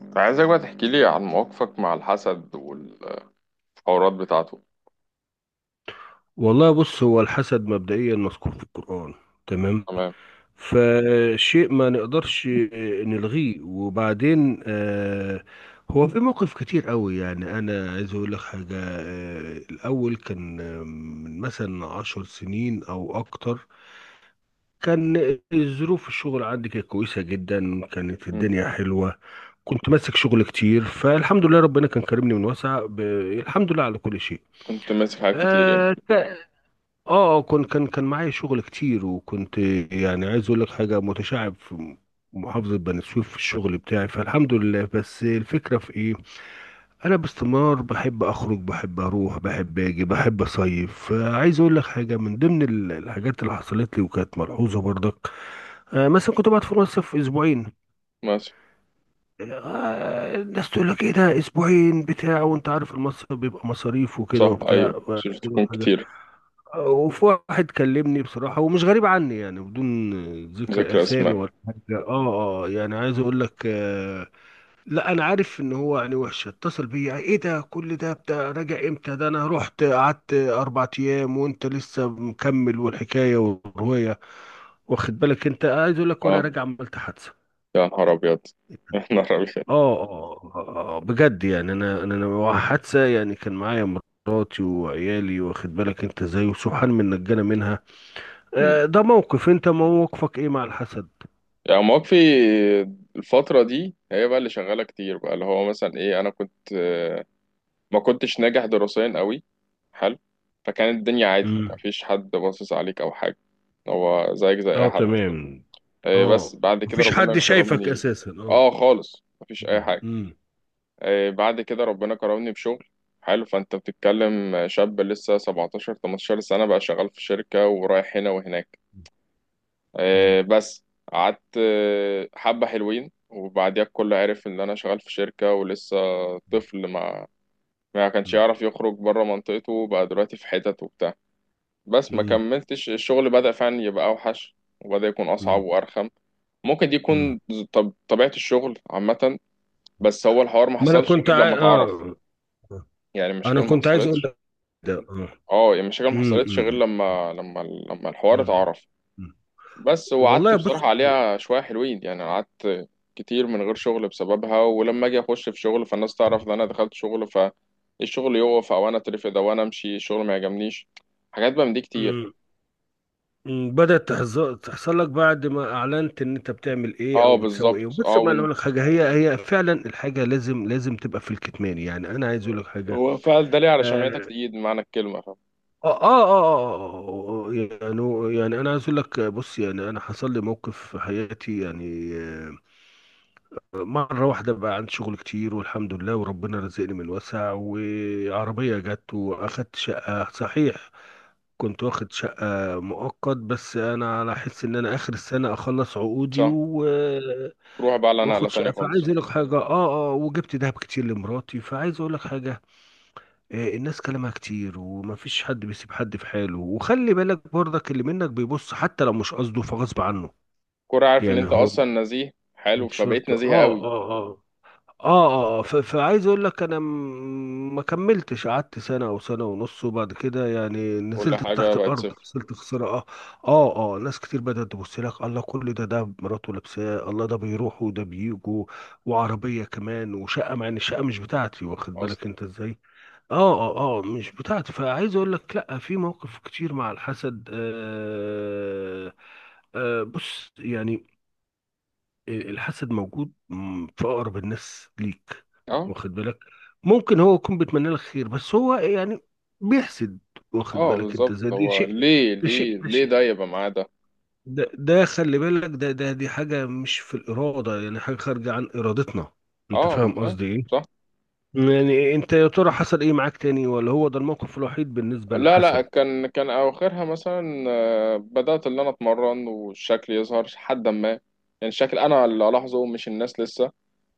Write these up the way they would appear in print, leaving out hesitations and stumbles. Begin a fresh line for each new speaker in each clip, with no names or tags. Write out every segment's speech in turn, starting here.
كنت عايزك بقى تحكي لي عن مواقفك مع الحسد والحوارات بتاعته.
والله بص، هو الحسد مبدئيا مذكور في القرآن تمام.
تمام.
فشيء ما نقدرش نلغيه وبعدين، هو في موقف كتير قوي، يعني انا عايز اقول لك حاجة. الاول كان من مثلا 10 سنين او اكتر، كان ظروف الشغل عندي كانت كويسة جدا، كانت
مم.
الدنيا حلوة. كنت ماسك شغل كتير، فالحمد لله ربنا كان كرمني من واسع الحمد لله على كل شيء.
كنت ماسك حاجات كتير
آه
يعني.
كان معايا شغل كتير وكنت، يعني عايز اقول لك حاجه، متشعب في محافظه بني سويف في الشغل بتاعي، فالحمد لله. بس الفكره في ايه؟ انا باستمرار بحب اخرج، بحب اروح، بحب اجي، بحب اصيف. فعايز اقول لك حاجه من ضمن الحاجات اللي حصلت لي وكانت ملحوظه برضك. مثلا كنت بقعد في مصيف اسبوعين.
ماشي.
الناس تقول لك ايه ده، اسبوعين بتاع؟ وانت عارف المصيف بيبقى مصاريف وكده
صح،
وبتاع،
ايوه،
وعايز
شفت
أقول لك
تكون
حاجة،
كتير.
وفي واحد كلمني بصراحة ومش غريب عني يعني، بدون ذكر
ذكر
أسامي
اسماء.
ولا حاجة. يعني عايز أقول لك، لا، أنا عارف إن هو يعني وحش. اتصل بيا: إيه ده، كل ده بتاع، راجع إمتى ده؟ أنا رحت قعدت 4 أيام وأنت لسه مكمل، والحكاية والرواية. واخد بالك؟ أنت عايز أقول لك، وأنا
اه،
راجع عملت حادثة.
يا نهار ابيض. يا نهار ابيض.
بجد يعني، انا انا أنا حادثه يعني، كان معايا مراتي وعيالي. واخد بالك انت ازاي، وسبحان من نجانا منها.
مم.
ده موقف. انت موقفك ايه مع الحسد؟
يعني مواقفي الفترة دي هي بقى اللي شغالة كتير، بقى اللي هو مثلا ايه، انا كنت ما كنتش ناجح دراسيا قوي. حلو. فكانت الدنيا عادي،
امم.
مفيش حد باصص عليك او حاجة. هو زيك زي اي
اه،
حد.
تمام. اه،
بس بعد كده
مفيش
ربنا
حد شايفك
كرمني.
اساسا، اه.
اه خالص، مفيش اي
مم.
حاجه.
مم.
بعد كده ربنا كرمني بشغل حلو. فانت بتتكلم شاب لسه 17 18 سنه، بقى شغال في شركه ورايح هنا وهناك.
مم.
بس. قعدت حبه حلوين، وبعديها الكل عرف ان انا شغال في شركه، ولسه طفل ما كانش
مم.
يعرف يخرج بره منطقته، بقى دلوقتي في حتت وبتاع. بس ما
مم.
كملتش، الشغل بدأ فعلا يبقى أوحش. وبدأ يكون أصعب
مم.
وأرخم. ممكن دي
مم.
يكون طب طبيعة الشغل عامة. بس هو الحوار ما
ما انا
حصلش
كنت
غير لما اتعرف.
اه.
يعني
انا
المشاكل ما
كنت عايز اقول
حصلتش.
لك، ده اه.
اه، يعني المشاكل ما
مم.
حصلتش غير
مم.
لما الحوار
مم.
اتعرف.
مم.
بس، وقعدت
والله بص.
بصراحة عليها شوية حلوين، يعني قعدت كتير من غير شغل بسببها. ولما اجي اخش في شغل، فالناس تعرف ان انا دخلت شغل، فالشغل يقف او انا اترفد او انا امشي الشغل ما يعجبنيش. حاجات بقى من دي كتير.
مم. مم. بدأت تحصل لك بعد ما اعلنت ان انت بتعمل ايه
اه،
او بتسوي
بالظبط
ايه. بص،
اه.
ما انا اقول لك حاجه، هي فعلا الحاجه لازم لازم تبقى في الكتمان، يعني انا عايز اقول لك حاجه.
هو فعل ده ليه؟ على شمعتك
آه
تقيد بمعنى الكلمة، فاهم؟
يعني أنا عايز أقول لك، بص، يعني أنا حصل لي موقف في حياتي يعني. مرة واحدة بقى عندي شغل كتير والحمد لله، وربنا رزقني من وسع، وعربية جت، وأخدت شقة صحيح. كنت واخد شقة مؤقت، بس أنا على حس إن أنا آخر السنة أخلص عقودي
صح.
و آه،
تروح بقى على نقلة
واخد
تانية
شقة. فعايز
خالص.
أقول لك حاجة، وجبت دهب كتير لمراتي. فعايز أقول لك حاجة، الناس كلامها كتير، ومفيش حد بيسيب حد في حاله. وخلي بالك برضك، اللي منك بيبص حتى لو مش قصده، فغصب عنه.
كورة، عارف ان
يعني
انت
هو
اصلا نزيه حلو
مش
فبقيت
شرط.
نزيه قوي.
فعايز اقول لك انا، ما كملتش، قعدت سنه او سنه ونص، وبعد كده يعني
كل
نزلت
حاجة
تحت
بقت
الارض،
صفر
خسرت خساره. اه اه ناس كتير بدات تبص لك: الله، كل ده مراته لابساه! الله، ده بيروح وده بيجوا وعربيه كمان وشقه، مع ان الشقه مش بتاعتي. واخد
اصلا.
بالك انت ازاي؟ اه مش بتاعته. فعايز اقول لك، لا، في مواقف كتير مع الحسد. بص يعني، الحسد موجود، في اقرب الناس ليك.
اه
واخد بالك؟ ممكن هو يكون بيتمنى لك خير، بس هو يعني بيحسد. واخد
اه
بالك انت،
بالظبط.
زي دي
هو
شيء.
ليه
ده
ليه
شيء، ده
ليه ده
شيء،
يبقى معاه ده؟
ده خلي بالك، ده دي حاجة مش في الإرادة، يعني حاجة خارجة عن إرادتنا. انت
اه، من
فاهم
فاهم.
قصدي ايه؟
صح.
يعني انت يا ترى حصل ايه معاك تاني؟ ولا هو ده الموقف الوحيد بالنسبة
لا لا،
للحسد؟
كان اواخرها مثلا بدأت اللي انا اتمرن والشكل يظهر حد ما، يعني الشكل انا اللي الاحظه مش الناس لسه.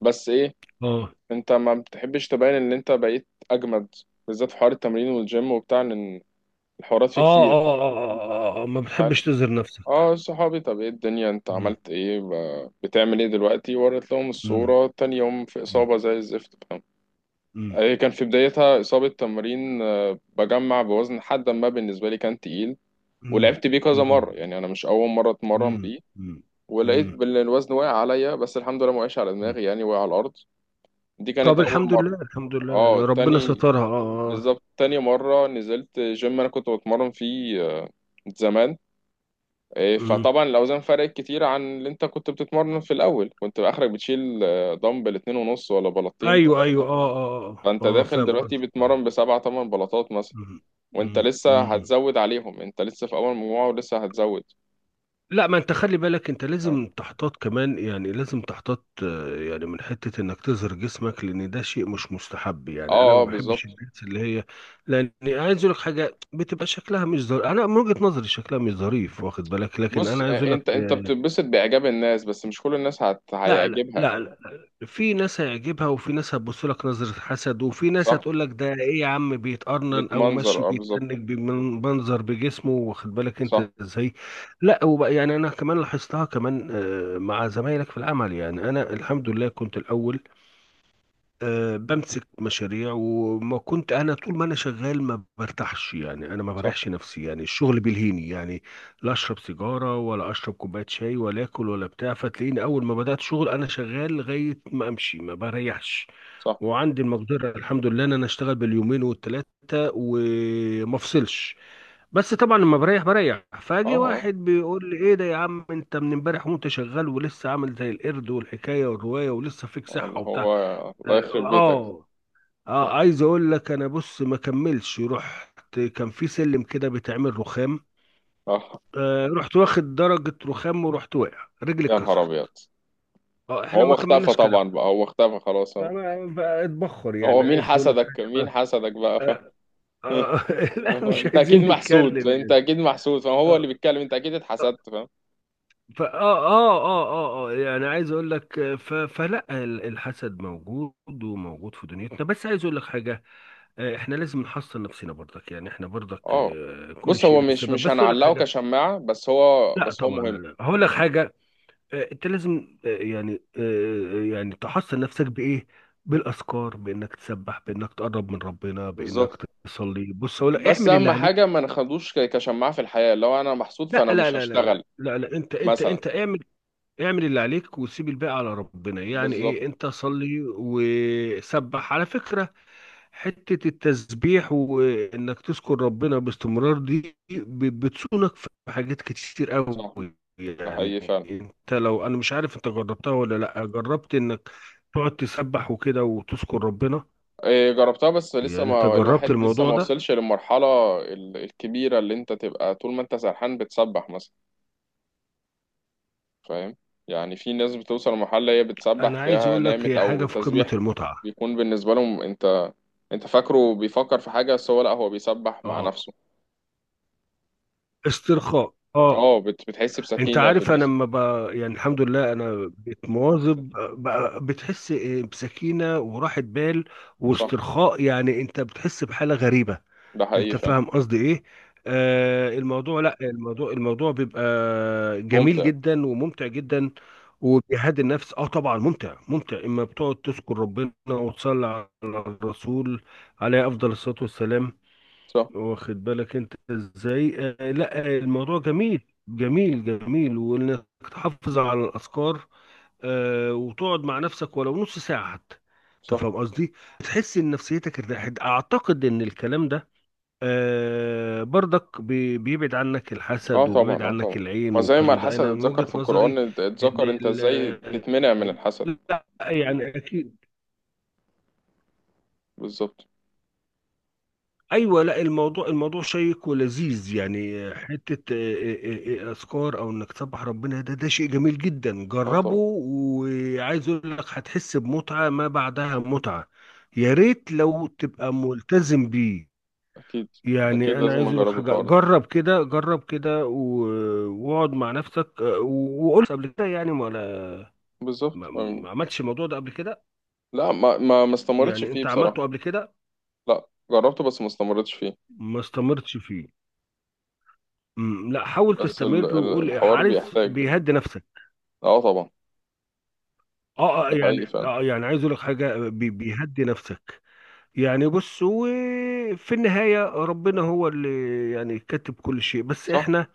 بس ايه،
اه
انت ما بتحبش تبين ان انت بقيت اجمد، بالذات في حوار التمرين والجيم وبتاع، ان الحوارات فيه
اه
كتير.
اه اه اه ما بتحبش
هل
تظهر نفسك.
اه صحابي طب ايه الدنيا، انت
مم.
عملت ايه، بتعمل ايه دلوقتي؟ وريت لهم
مم.
الصورة، تاني يوم في
مم.
إصابة زي الزفت، فاهم.
مم.
هي كان في بدايتها إصابة تمرين، بجمع بوزن حد ما بالنسبة لي كان تقيل.
مم.
ولعبت بيه كذا مرة،
مم.
يعني أنا مش أول مرة
مم.
أتمرن
مم.
بيه.
مم.
ولقيت الوزن واقع عليا، بس الحمد لله ما وقعش على
مم.
دماغي، يعني وقع على الأرض. دي
طب
كانت أول
الحمد
مرة.
لله، الحمد لله، يعني
اه،
ربنا
تاني.
سترها، اه. اه اه.
بالظبط، تاني مرة نزلت جيم أنا كنت بتمرن فيه زمان. إيه،
مم.
فطبعا الاوزان فرقت كتير عن اللي انت كنت بتتمرن، في الاول كنت اخرك بتشيل دمبل 2.5 ولا بلاطتين.
ايوه ايوه.
فانت داخل
فاهم
دلوقتي
قصدك.
بتمرن بسبعة تمن بلاطات مثلا.
مم.
وانت
مم.
لسه
مم.
هتزود عليهم، انت لسه في اول مجموعة ولسه هتزود.
لا، ما انت خلي بالك انت
اه
لازم تحتاط كمان، يعني لازم تحتاط، يعني من حتة انك تظهر جسمك، لان ده شيء مش مستحب. يعني انا
اه
ما بحبش
بالظبط.
الناس اللي هي، لان عايز اقول لك حاجة، بتبقى شكلها مش ظريف، انا من وجهة نظري شكلها مش ظريف. واخد بالك؟ لكن
بص
انا عايز اقول
انت
لك،
انت بتتبسط باعجاب الناس، بس مش كل الناس
لا لا
هيعجبها.
لا لا لا. في ناس هيعجبها، وفي ناس هتبص لك نظرة حسد، وفي ناس
صح.
هتقول لك ده ايه يا عم، بيتقرنن، او
بتمنظر
ماشي
اه بالظبط.
بيتنك بمنظر بجسمه. واخد بالك
صح
انت ازاي؟ لا، وبقى يعني انا كمان لاحظتها كمان، مع زمايلك في العمل. يعني انا الحمد لله كنت الاول بمسك مشاريع، وما كنت انا طول ما انا شغال ما برتاحش. يعني انا ما
صح
بريحش نفسي، يعني الشغل بيلهيني يعني، لا اشرب سيجاره ولا اشرب كوبايه شاي ولا اكل ولا بتاع. فتلاقيني اول ما بدات شغل، انا شغال لغايه ما امشي، ما بريحش.
صح.
وعندي المقدره الحمد لله ان انا اشتغل باليومين والتلاته وما افصلش. بس طبعا لما بريح بريح. فاجي
اه
واحد بيقول لي: ايه ده يا عم، انت من امبارح وانت شغال ولسه عامل زي القرد، والحكايه والروايه، ولسه فيك
اه، اللي
صحه وبتاع.
هو الله يخرب بيتك.
اه اه عايز اقول لك انا، بص، ما كملش، رحت كان في سلم كده بيتعمل رخام.
اه
رحت واخد درجة رخام، ورحت واقع، رجلي
يا نهار ابيض.
اتكسرت. اه، احنا
هو
ما
اختفى
كملناش كلام.
طبعا، بقى هو اختفى خلاص هو.
فأنا بقى اتبخر.
هو
يعني
مين
عايز اقول لك
حسدك؟
حاجة
مين
بقى،
حسدك بقى، فاهم؟
آه آه لا،
اللي هو
مش
انت
عايزين
اكيد محسود،
نتكلم
انت
يعني.
اكيد محسود، فهو اللي
اه
بيتكلم، انت اكيد
اه
اتحسدت، فاهم.
فآه اه اه اه آه، آه، يعني عايز اقول لك، الحسد موجود وموجود في دنيتنا، بس عايز اقول لك حاجة. احنا لازم نحصن نفسنا برضك، يعني احنا برضك،
اه،
كل
بص
شيء
هو
له
مش
سبب،
مش
بس اقول لك
هنعلقه
حاجه،
كشماعة، بس هو
لا
بس هو
طبعا، لا
مهم.
لا، هقول لك حاجه. انت لازم، يعني تحصن نفسك بايه؟ بالاذكار، بانك تسبح، بانك تقرب من ربنا، بانك
بالظبط.
تصلي. بص اقول لك،
بس
اعمل اللي
اهم حاجة
عليك.
ما ناخدوش كشماعة في الحياة، لو انا محسود فانا
لا لا
مش
لا لا لا
هشتغل
لا لا، انت انت
مثلا.
انت اعمل. اعمل اللي عليك وسيب الباقي على ربنا. يعني
بالظبط
ايه، انت صلي وسبح. على فكره، حتة التسبيح وإنك تذكر ربنا باستمرار دي بتصونك في حاجات كتير قوي.
صح. ده حقيقي
يعني
فعلا.
أنت، لو أنا مش عارف أنت جربتها ولا لأ، جربت إنك تقعد تسبح وكده وتذكر ربنا؟
إيه، جربتها بس
يعني
لسه،
أنت
ما
جربت
الواحد لسه
الموضوع
ما
ده؟
وصلش للمرحلة الكبيرة، اللي انت تبقى طول ما انت سرحان بتسبح مثلا، فاهم. يعني في ناس بتوصل لمرحلة، هي بتسبح
أنا عايز
تلاقيها
أقول لك
نامت،
هي
أو
حاجة في قمة
التسبيح
المتعة.
بيكون بالنسبة لهم، أنت فاكره بيفكر في حاجة بس هو لأ، هو بيسبح مع
أه
نفسه.
استرخاء.
أه، بتحس
انت
بسكينة في
عارف، انا
الجسم.
لما يعني الحمد لله انا بقيت مواظب، بقى بتحس بسكينه وراحه بال
صح.
واسترخاء. يعني انت بتحس بحاله غريبه.
ده حقيقي
انت
فعلا.
فاهم قصدي ايه؟ الموضوع لا الموضوع الموضوع بيبقى جميل
ممتع.
جدا وممتع جدا وبيهدي النفس. اه، طبعا، ممتع ممتع اما بتقعد تذكر ربنا وتصلي على الرسول عليه افضل الصلاه والسلام.
صح
واخد بالك انت ازاي؟ آه لا آه، الموضوع جميل، جميل جميل، وانك تحافظ على الاذكار. وتقعد مع نفسك ولو نص ساعه حتى. انت
صح.
فاهم قصدي؟ تحس ان نفسيتك ارتاحت. اعتقد ان الكلام ده برضك بيبعد عنك
أه
الحسد وبيبعد
طبعا أه
عنك
طبعا.
العين،
ما زي ما
والكلام ده
الحسد
انا من
اتذكر
وجهة
في القرآن،
نظري. ان
اتذكر أنت إزاي
ال-
تتمنع من الحسد.
لا، يعني اكيد.
بالظبط.
ايوه، لا، الموضوع شيق ولذيذ، يعني حته، اذكار او انك تسبح ربنا، ده شيء جميل جدا.
أه
جربه،
طبعا.
وعايز اقول لك هتحس بمتعه ما بعدها متعه. يا ريت لو تبقى ملتزم بيه.
أكيد. أكيد
يعني انا
لازم
عايز اقول لك
أجرب
حاجه،
الحوار ده.
جرب كده، جرب كده، واقعد مع نفسك. وقلت قبل كده يعني، ولا
بالظبط.
ما
أم.
ما عملتش الموضوع ده قبل كده؟
لا، ما استمرتش
يعني
فيه
انت
بصراحة.
عملته قبل كده؟
لا، جربته بس ما استمرتش فيه.
ما استمرتش فيه. مم، لا، حاول
بس
تستمر، وقول
الحوار
حارس
بيحتاج.
بيهدي نفسك.
اه طبعا. ده حقيقي فعلا.
يعني عايز اقول لك حاجه، بيهدي نفسك. يعني بص، وفي النهايه ربنا هو اللي يعني كاتب كل شيء، بس
صح.
احنا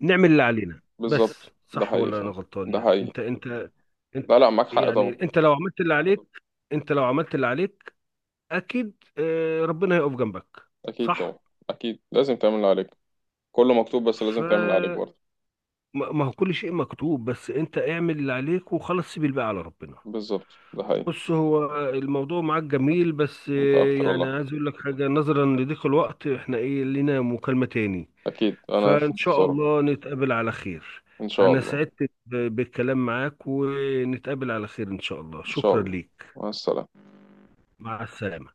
نعمل اللي علينا. بس
بالظبط ده
صح
حقيقي
ولا انا
فعلا.
غلطان؟
ده
يعني
حقيقي.
انت،
لا لا، معاك حق
يعني
طبعا.
انت لو عملت اللي عليك، انت لو عملت اللي عليك، اكيد ربنا هيقف جنبك.
اكيد طبعا.
صح.
اكيد لازم تعمل اللي عليك. كله مكتوب بس
ف
لازم تعمل اللي عليك برضه.
ما هو كل شيء مكتوب، بس انت اعمل اللي عليك وخلاص، سيب الباقي على ربنا.
بالظبط ده حقيقي.
بص، هو الموضوع معاك جميل، بس
انت اكتر
يعني
والله.
عايز اقول لك حاجة، نظرا لضيق الوقت احنا، ايه، لينا مكالمة تاني،
اكيد انا في
فان شاء
انتظارك.
الله نتقابل على خير.
ان شاء
انا
الله.
سعدت بالكلام معاك، ونتقابل على خير ان شاء الله.
ان شاء
شكرا
الله.
ليك.
مع السلامة.
مع السلامة.